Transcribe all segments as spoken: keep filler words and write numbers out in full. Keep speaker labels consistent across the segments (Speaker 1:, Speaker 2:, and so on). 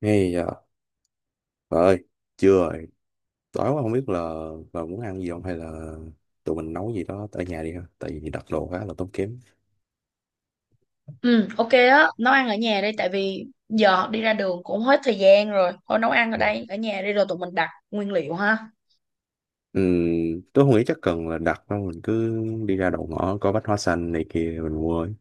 Speaker 1: Hay giờ trời ơi, chưa rồi. Tối quá không biết là bà muốn ăn gì không hay là tụi mình nấu gì đó ở nhà đi ha. Tại vì đặt đồ khá là tốn kém.
Speaker 2: Ừ, ok đó, nấu ăn ở nhà đi tại vì giờ đi ra đường cũng hết thời gian rồi. Thôi nấu ăn ở
Speaker 1: Ừ.
Speaker 2: đây, ở nhà đi rồi tụi mình đặt nguyên liệu ha.
Speaker 1: Ừm, tôi không nghĩ chắc cần là đặt đâu. Mình cứ đi ra đầu ngõ có bách hóa xanh này kia mình mua ấy.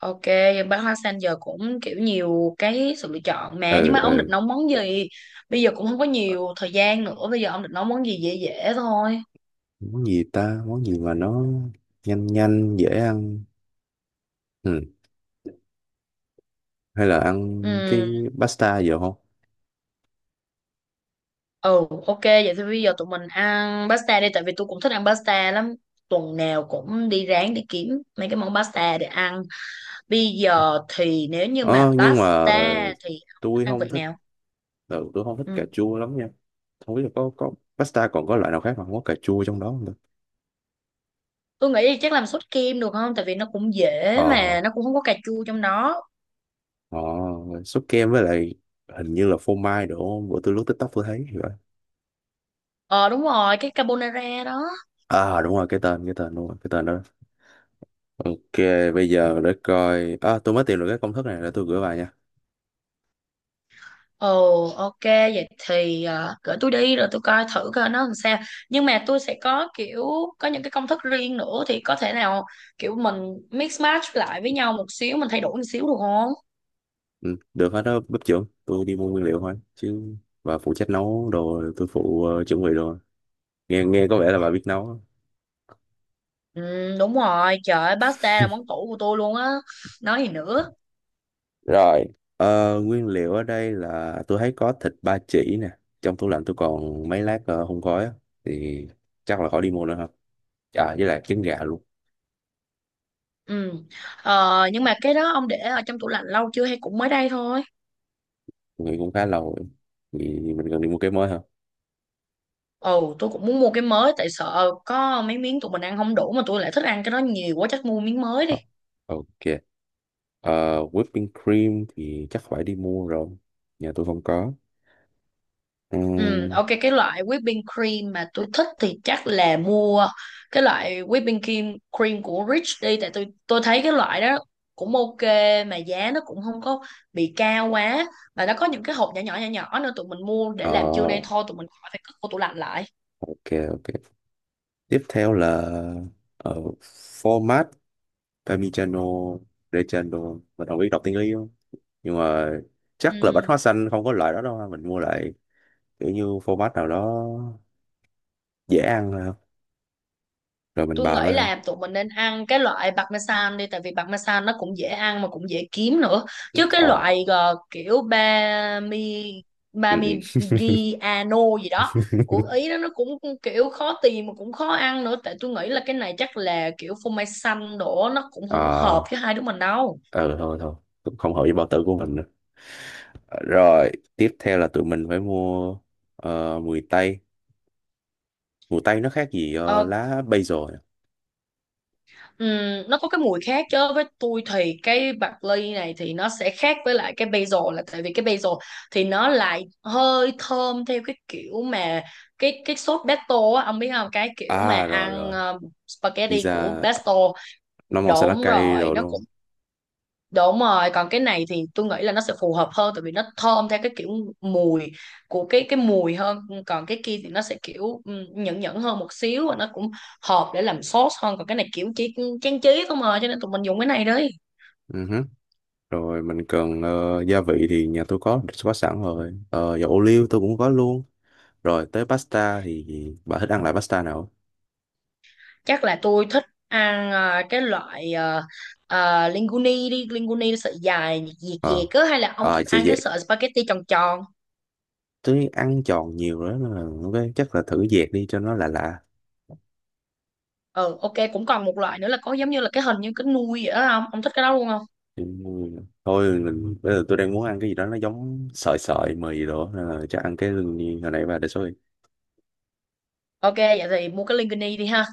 Speaker 2: Ok, bán hoa sen giờ cũng kiểu nhiều cái sự lựa chọn mà, nhưng
Speaker 1: Ừ,
Speaker 2: mà ông định
Speaker 1: ừ.
Speaker 2: nấu món gì? Bây giờ cũng không có
Speaker 1: Ờ,
Speaker 2: nhiều thời gian nữa, bây giờ ông định nấu món gì dễ dễ thôi.
Speaker 1: món gì ta? Món gì mà nó nhanh nhanh, dễ ăn. Ừ. Hay là ăn cái
Speaker 2: Ừ,
Speaker 1: pasta giờ không?
Speaker 2: ừ, ok, vậy thì bây giờ tụi mình ăn pasta đi tại vì tôi cũng thích ăn pasta lắm. Tuần nào cũng đi ráng đi kiếm mấy cái món pasta để ăn. Bây giờ thì nếu như mà
Speaker 1: Ờ, nhưng mà ờ,
Speaker 2: pasta thì không thích
Speaker 1: tôi
Speaker 2: ăn vị
Speaker 1: không thích,
Speaker 2: nào.
Speaker 1: ừ, tôi không thích cà
Speaker 2: Ừ.
Speaker 1: chua lắm nha. Không biết là có, có pasta còn có loại nào khác mà không có cà chua trong đó không.
Speaker 2: Tôi nghĩ thì chắc làm sốt kem được không? Tại vì nó cũng dễ
Speaker 1: Ờ,
Speaker 2: mà nó cũng không có cà chua trong đó.
Speaker 1: ờ, sốt kem với lại hình như là phô mai đúng không, bữa tôi lướt TikTok tôi thấy thì vậy.
Speaker 2: Ờ đúng rồi, cái carbonara đó.
Speaker 1: À đúng rồi, cái tên cái tên đúng rồi, cái tên đó. Ok, bây giờ để coi à, tôi mới tìm được cái công thức này để tôi gửi bài nha.
Speaker 2: Ồ ok, vậy thì ờ, gửi tôi đi rồi tôi coi thử coi nó làm sao. Nhưng mà tôi sẽ có kiểu có những cái công thức riêng nữa, thì có thể nào kiểu mình mix match lại với nhau một xíu, mình thay đổi một xíu được không?
Speaker 1: Ừ, được hết đó, bếp trưởng, tôi đi mua nguyên liệu thôi chứ, và phụ trách nấu đồ tôi phụ, ờ, chuẩn bị đồ. Nghe nghe có vẻ là bà biết nấu á.
Speaker 2: Ừ đúng rồi, trời ơi, pasta là món tủ của tôi luôn á. Nói gì nữa.
Speaker 1: Rồi, ờ, nguyên liệu ở đây là tôi thấy có thịt ba chỉ nè, trong tủ lạnh tôi còn mấy lát ờ, hun khói á, thì chắc là khỏi đi mua nữa ha. À với lại trứng gà luôn.
Speaker 2: Ừ. Ờ, nhưng mà cái đó ông để ở trong tủ lạnh lâu chưa hay cũng mới đây thôi?
Speaker 1: Người cũng khá lâu rồi thì mình cần đi mua cái mới hả?
Speaker 2: Ồ, tôi cũng muốn mua cái mới tại sợ có mấy miếng tụi mình ăn không đủ mà tôi lại thích ăn cái đó nhiều quá, chắc mua miếng mới đi.
Speaker 1: Ờ, ok. Ờ, whipping cream thì chắc phải đi mua rồi, nhà tôi không có.
Speaker 2: Ừ,
Speaker 1: Ừm,
Speaker 2: ok, cái loại whipping cream mà tôi thích thì chắc là mua cái loại whipping cream cream của Rich đi, tại tôi tôi thấy cái loại đó cũng ok mà giá nó cũng không có bị cao quá, và nó có những cái hộp nhỏ nhỏ nhỏ nhỏ nữa, tụi mình mua để
Speaker 1: ờ,
Speaker 2: làm trưa nay thôi, tụi mình khỏi phải cất vô tủ lạnh lại.
Speaker 1: ok, ok, tiếp theo là, ờ, format parmigiano reggiano, mình không biết đọc tiếng Ý không, nhưng mà chắc là bánh hoa
Speaker 2: Ừ.
Speaker 1: xanh không có loại đó đâu ha. Mình mua lại kiểu như format nào đó dễ ăn thôi ha. Rồi mình
Speaker 2: Tôi
Speaker 1: bào nó
Speaker 2: nghĩ
Speaker 1: ra.
Speaker 2: là tụi mình nên ăn cái loại parmesan đi, tại vì parmesan nó cũng dễ ăn mà cũng dễ kiếm nữa, chứ cái
Speaker 1: Ờ,
Speaker 2: loại ờ, kiểu bami
Speaker 1: ừ, ừ.
Speaker 2: parmigiano gì đó của Ý đó nó cũng kiểu khó tìm mà cũng khó ăn nữa. Tại tôi nghĩ là cái này chắc là kiểu phô mai xanh đổ, nó cũng không có
Speaker 1: Ờ,
Speaker 2: hợp với hai đứa mình đâu.
Speaker 1: ừ, thôi thôi, không hợp với bao tử của mình nữa. Ờ, rồi tiếp theo là tụi mình phải mua, ờ, mùi tây. Mùi tây nó khác gì ờ,
Speaker 2: Ờ,
Speaker 1: lá basil à?
Speaker 2: ừm, nó có cái mùi khác chứ. Với tôi thì cái bạc ly này thì nó sẽ khác với lại cái basil, là tại vì cái basil thì nó lại hơi thơm theo cái kiểu mà cái cái sốt pesto á, ông biết không, cái kiểu mà
Speaker 1: À rồi
Speaker 2: ăn
Speaker 1: rồi.
Speaker 2: ờ, spaghetti của
Speaker 1: Pizza
Speaker 2: pesto
Speaker 1: nó màu xanh lá
Speaker 2: đúng
Speaker 1: cây
Speaker 2: rồi
Speaker 1: rồi
Speaker 2: nó.
Speaker 1: đúng không?
Speaker 2: Đúng rồi, còn cái này thì tôi nghĩ là nó sẽ phù hợp hơn tại vì nó thơm theo cái kiểu mùi của cái cái mùi hơn, còn cái kia thì nó sẽ kiểu ừ, nhẫn nhẫn hơn một xíu và nó cũng hợp để làm sốt hơn, còn cái này kiểu chỉ trang trí không, mà cho nên tụi mình dùng cái này đi.
Speaker 1: Ừ hứ. Rồi mình cần, ờ, gia vị thì nhà tôi có có sẵn rồi. Ờ, dầu ô liu tôi cũng có luôn. Rồi tới pasta thì bà thích ăn lại pasta nào?
Speaker 2: Chắc là tôi thích ăn à, cái loại à, à, linguine đi, linguine sợi dài dẹt
Speaker 1: Ờ,
Speaker 2: dẹt á, hay là ông
Speaker 1: ờ,
Speaker 2: thích
Speaker 1: sẽ
Speaker 2: ăn cái
Speaker 1: dẹt,
Speaker 2: sợi spaghetti tròn tròn.
Speaker 1: tôi ăn giòn nhiều đó nên là ok, chắc là thử dẹt đi cho nó lạ lạ.
Speaker 2: Ừ, ok, cũng còn một loại nữa là có giống như là cái, hình như cái nuôi vậy đó không? Ông thích cái đó luôn không?
Speaker 1: Ừ. Thôi mình bây giờ tôi đang muốn ăn cái gì đó nó giống sợi sợi mì đồ á, nên là chắc ăn cái lương nhiên hồi nãy bà đề xuất đi.
Speaker 2: Ok, vậy thì mua cái linguini đi ha.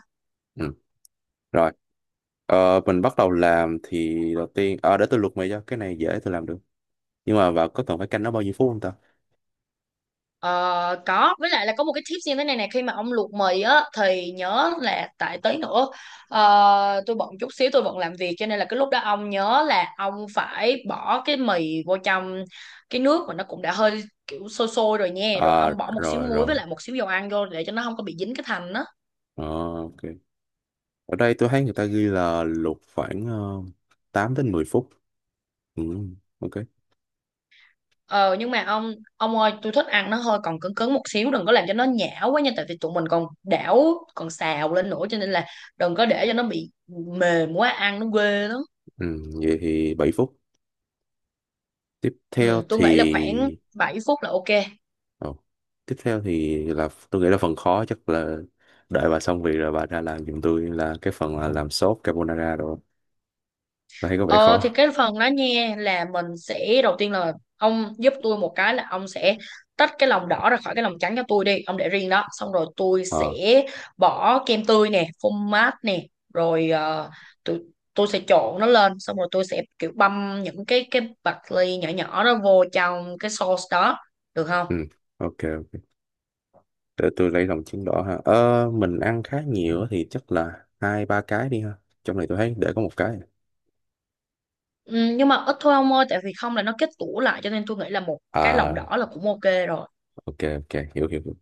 Speaker 1: Ừ. Rồi, ờ, mình bắt đầu làm thì đầu tiên à, để tôi luộc mì cho cái này dễ tôi làm được, nhưng mà bà có cần phải canh nó bao nhiêu phút không ta?
Speaker 2: Ờ, có, với lại là có một cái tips như thế này nè, khi mà ông luộc mì á thì nhớ là tại tới nữa ờ, tôi bận chút xíu, tôi bận làm việc, cho nên là cái lúc đó ông nhớ là ông phải bỏ cái mì vô trong cái nước mà nó cũng đã hơi kiểu sôi sôi rồi nha, rồi
Speaker 1: À
Speaker 2: ông bỏ một xíu
Speaker 1: rồi
Speaker 2: muối
Speaker 1: rồi.
Speaker 2: với lại một xíu dầu ăn vô để cho nó không có bị dính cái thành đó.
Speaker 1: Ờ, ok, ở đây tôi thấy người ta ghi là luộc khoảng uh, tám đến mười phút. Ừ. Ok.
Speaker 2: ờ nhưng mà ông ông ơi, tôi thích ăn nó hơi còn cứng cứng một xíu, đừng có làm cho nó nhão quá nha, tại vì tụi mình còn đảo còn xào lên nữa, cho nên là đừng có để cho nó bị mềm quá, ăn nó ghê lắm.
Speaker 1: Ừ. Vậy thì bảy phút, tiếp theo
Speaker 2: Ừ, tôi
Speaker 1: thì.
Speaker 2: nghĩ là khoảng bảy phút là ok.
Speaker 1: Ồ. Tiếp theo thì là tôi nghĩ là phần khó chắc là đợi bà xong việc rồi bà ra làm giùm tôi là cái phần là làm sốt carbonara rồi. Tôi thấy có vẻ
Speaker 2: Ờ, thì
Speaker 1: khó.
Speaker 2: cái phần đó nha là mình sẽ đầu tiên là ông giúp tôi một cái là ông sẽ tách cái lòng đỏ ra khỏi cái lòng trắng cho tôi đi, ông để riêng đó. Xong rồi tôi sẽ
Speaker 1: Ờ,
Speaker 2: bỏ kem tươi nè, phô mát nè, rồi ờ, tôi tôi sẽ trộn nó lên, xong rồi tôi sẽ kiểu băm những cái cái bạch ly nhỏ nhỏ đó vô trong cái sauce đó, được không?
Speaker 1: ừ. Ok, ok. Để tôi lấy lòng trứng đỏ ha. Ờ, mình ăn khá nhiều á thì chắc là hai ba cái đi ha. Trong này tôi thấy để có một cái.
Speaker 2: Ừ, nhưng mà ít thôi ông ơi, tại vì không là nó kết tủa lại, cho nên tôi nghĩ là một cái lòng
Speaker 1: À,
Speaker 2: đỏ là cũng ok rồi.
Speaker 1: ok, ok, hiểu, hiểu, hiểu.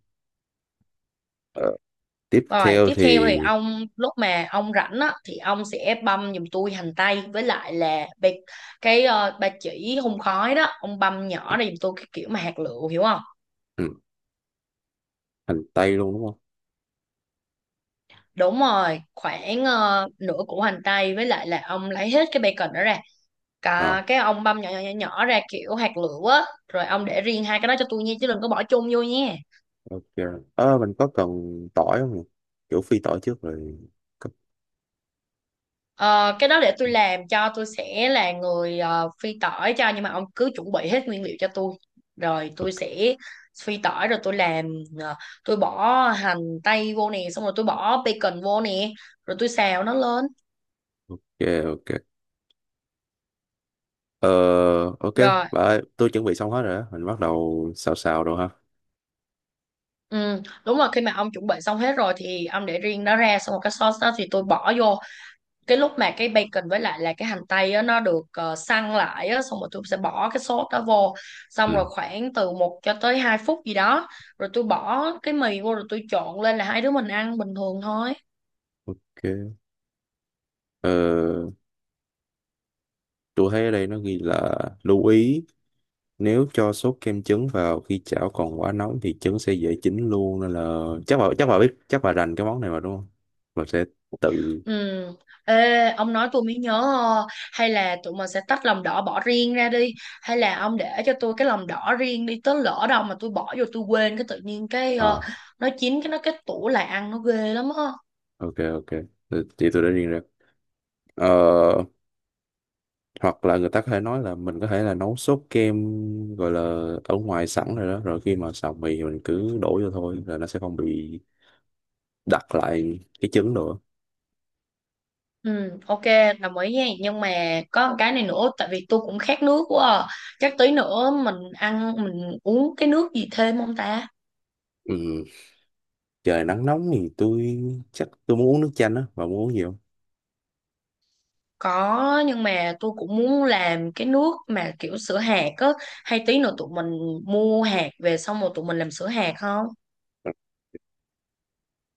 Speaker 1: Ờ, tiếp
Speaker 2: Rồi,
Speaker 1: theo
Speaker 2: tiếp theo thì
Speaker 1: thì,
Speaker 2: ông lúc mà ông rảnh á thì ông sẽ băm giùm tôi hành tây với lại là bạc, cái ờ, ba chỉ hun khói đó, ông băm nhỏ ra giùm tôi cái kiểu mà hạt lựu, hiểu không?
Speaker 1: ừ, hành tây luôn đúng không?
Speaker 2: Đúng rồi, khoảng ờ, nửa củ hành tây với lại là ông lấy hết cái bacon đó ra.
Speaker 1: Ờ,
Speaker 2: Cả cái ông băm nhỏ nhỏ nhỏ, nhỏ ra kiểu hạt lựu á, rồi ông để riêng hai cái đó cho tôi nha, chứ đừng có bỏ chung vô nha.
Speaker 1: ok. Ờ, mình có cần tỏi không nhỉ? Kiểu phi tỏi trước rồi. Cấp-
Speaker 2: Ờ, cái đó để tôi làm, cho tôi sẽ là người ờ, phi tỏi cho, nhưng mà ông cứ chuẩn bị hết nguyên liệu cho tôi rồi tôi
Speaker 1: ok,
Speaker 2: sẽ phi tỏi rồi tôi làm ờ, tôi bỏ hành tây vô nè, xong rồi tôi bỏ bacon vô nè, rồi tôi xào nó lên
Speaker 1: ok. Ờ, ok,
Speaker 2: rồi.
Speaker 1: bà ơi, tôi chuẩn bị xong hết rồi á, mình bắt đầu xào xào rồi ha.
Speaker 2: Ừ, đúng rồi, khi mà ông chuẩn bị xong hết rồi thì ông để riêng nó ra, xong rồi cái sauce đó thì tôi bỏ vô cái lúc mà cái bacon với lại là cái hành tây á, nó được ờ, săn lại á, xong rồi tôi sẽ bỏ cái sốt đó vô, xong rồi
Speaker 1: Ừ,
Speaker 2: khoảng từ một cho tới hai phút gì đó, rồi tôi bỏ cái mì vô rồi tôi trộn lên là hai đứa mình ăn bình thường thôi.
Speaker 1: ok. Ờ, tôi thấy ở đây nó ghi là lưu ý, nếu cho sốt kem trứng vào khi chảo còn quá nóng thì trứng sẽ dễ chín luôn, nên là chắc bà, chắc bà biết, chắc bà rành cái món này mà đúng không? Bà sẽ tự,
Speaker 2: Ừ. Ê, ông nói tôi mới nhớ, ờ, hay là tụi mình sẽ tách lòng đỏ bỏ riêng ra đi, hay là ông để cho tôi cái lòng đỏ riêng đi, tới lỡ đâu mà tôi bỏ vô tôi quên, cái tự nhiên cái ờ,
Speaker 1: à,
Speaker 2: nó chín cái nó kết tủ lại, ăn nó ghê lắm á.
Speaker 1: ok, ok, ờ, thì chị tôi đã riêng ra. Ờ, hoặc là người ta có thể nói là mình có thể là nấu sốt kem gọi là ở ngoài sẵn rồi đó, rồi khi mà xào mì thì mình cứ đổ vô thôi là nó sẽ không bị đặt lại cái trứng nữa.
Speaker 2: Ừ, ok, đồng ý nha. Nhưng mà có một cái này nữa, tại vì tôi cũng khát nước quá à. Chắc tí nữa mình ăn, mình uống cái nước gì thêm không ta?
Speaker 1: Ừ. Trời nắng nóng thì tôi chắc tôi muốn uống nước chanh á, mà muốn uống gì không?
Speaker 2: Có, nhưng mà tôi cũng muốn làm cái nước mà kiểu sữa hạt á. Hay tí nữa tụi mình mua hạt về xong rồi tụi mình làm sữa hạt không?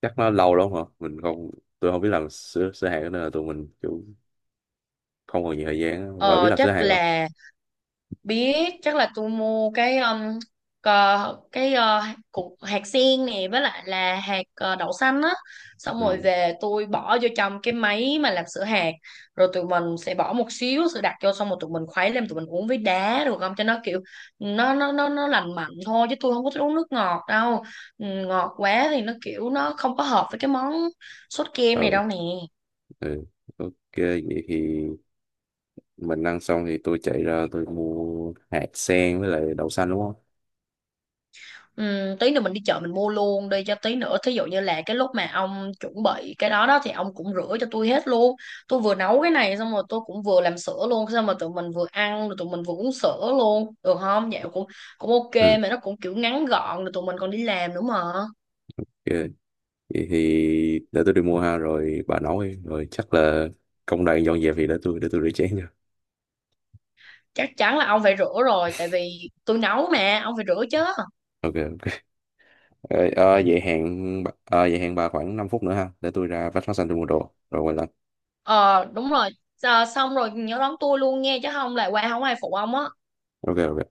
Speaker 1: Chắc nó lâu lắm hả, mình không, tôi không biết làm sữa sữa hạt nên là tụi mình kiểu không còn nhiều thời gian á. Và biết
Speaker 2: Ờ,
Speaker 1: làm sữa
Speaker 2: chắc
Speaker 1: hạt rồi.
Speaker 2: là biết, chắc là tôi mua cái um, cờ, cái ờ, cục hạt sen nè với lại là hạt ờ, đậu xanh á, xong rồi
Speaker 1: Ừ.
Speaker 2: về tôi bỏ vô trong cái máy mà làm sữa hạt, rồi tụi mình sẽ bỏ một xíu sữa đặc vô, xong rồi tụi mình khuấy lên, tụi mình uống với đá được không, cho nó kiểu nó nó nó nó lành mạnh thôi, chứ tôi không có thích uống nước ngọt đâu. Ừ, ngọt quá thì nó kiểu nó không có hợp với cái món sốt kem này
Speaker 1: Ừ,
Speaker 2: đâu nè.
Speaker 1: ừ. Ok, vậy thì mình ăn xong thì tôi chạy ra tôi mua hạt sen với lại đậu xanh đúng không?
Speaker 2: Ừ, tí nữa mình đi chợ mình mua luôn đi, cho tí nữa thí dụ như là cái lúc mà ông chuẩn bị cái đó đó thì ông cũng rửa cho tôi hết luôn. Tôi vừa nấu cái này xong rồi tôi cũng vừa làm sữa luôn, xong rồi tụi mình vừa ăn rồi tụi mình vừa uống sữa luôn được không, vậy cũng cũng ok
Speaker 1: Ừ.
Speaker 2: mà. Nó cũng kiểu ngắn gọn, rồi tụi mình còn đi làm nữa mà.
Speaker 1: Ok, vậy thì để tôi đi mua ha, rồi bà nấu đi, rồi chắc là công đoạn dọn dẹp thì để tôi để tôi rửa chén nha.
Speaker 2: Chắc chắn là ông phải rửa rồi, tại vì tôi nấu mà ông phải rửa chứ.
Speaker 1: Ok. Ờ, ờ, vậy hẹn bà- ờ, vậy hẹn bà khoảng năm phút nữa ha, để tôi ra vách phát xanh tôi mua đồ rồi quay lại.
Speaker 2: Ờ đúng rồi. Ờ, xong rồi nhớ đón tôi luôn nghe, chứ không là qua không ai phụ ông á.
Speaker 1: Ok, ok.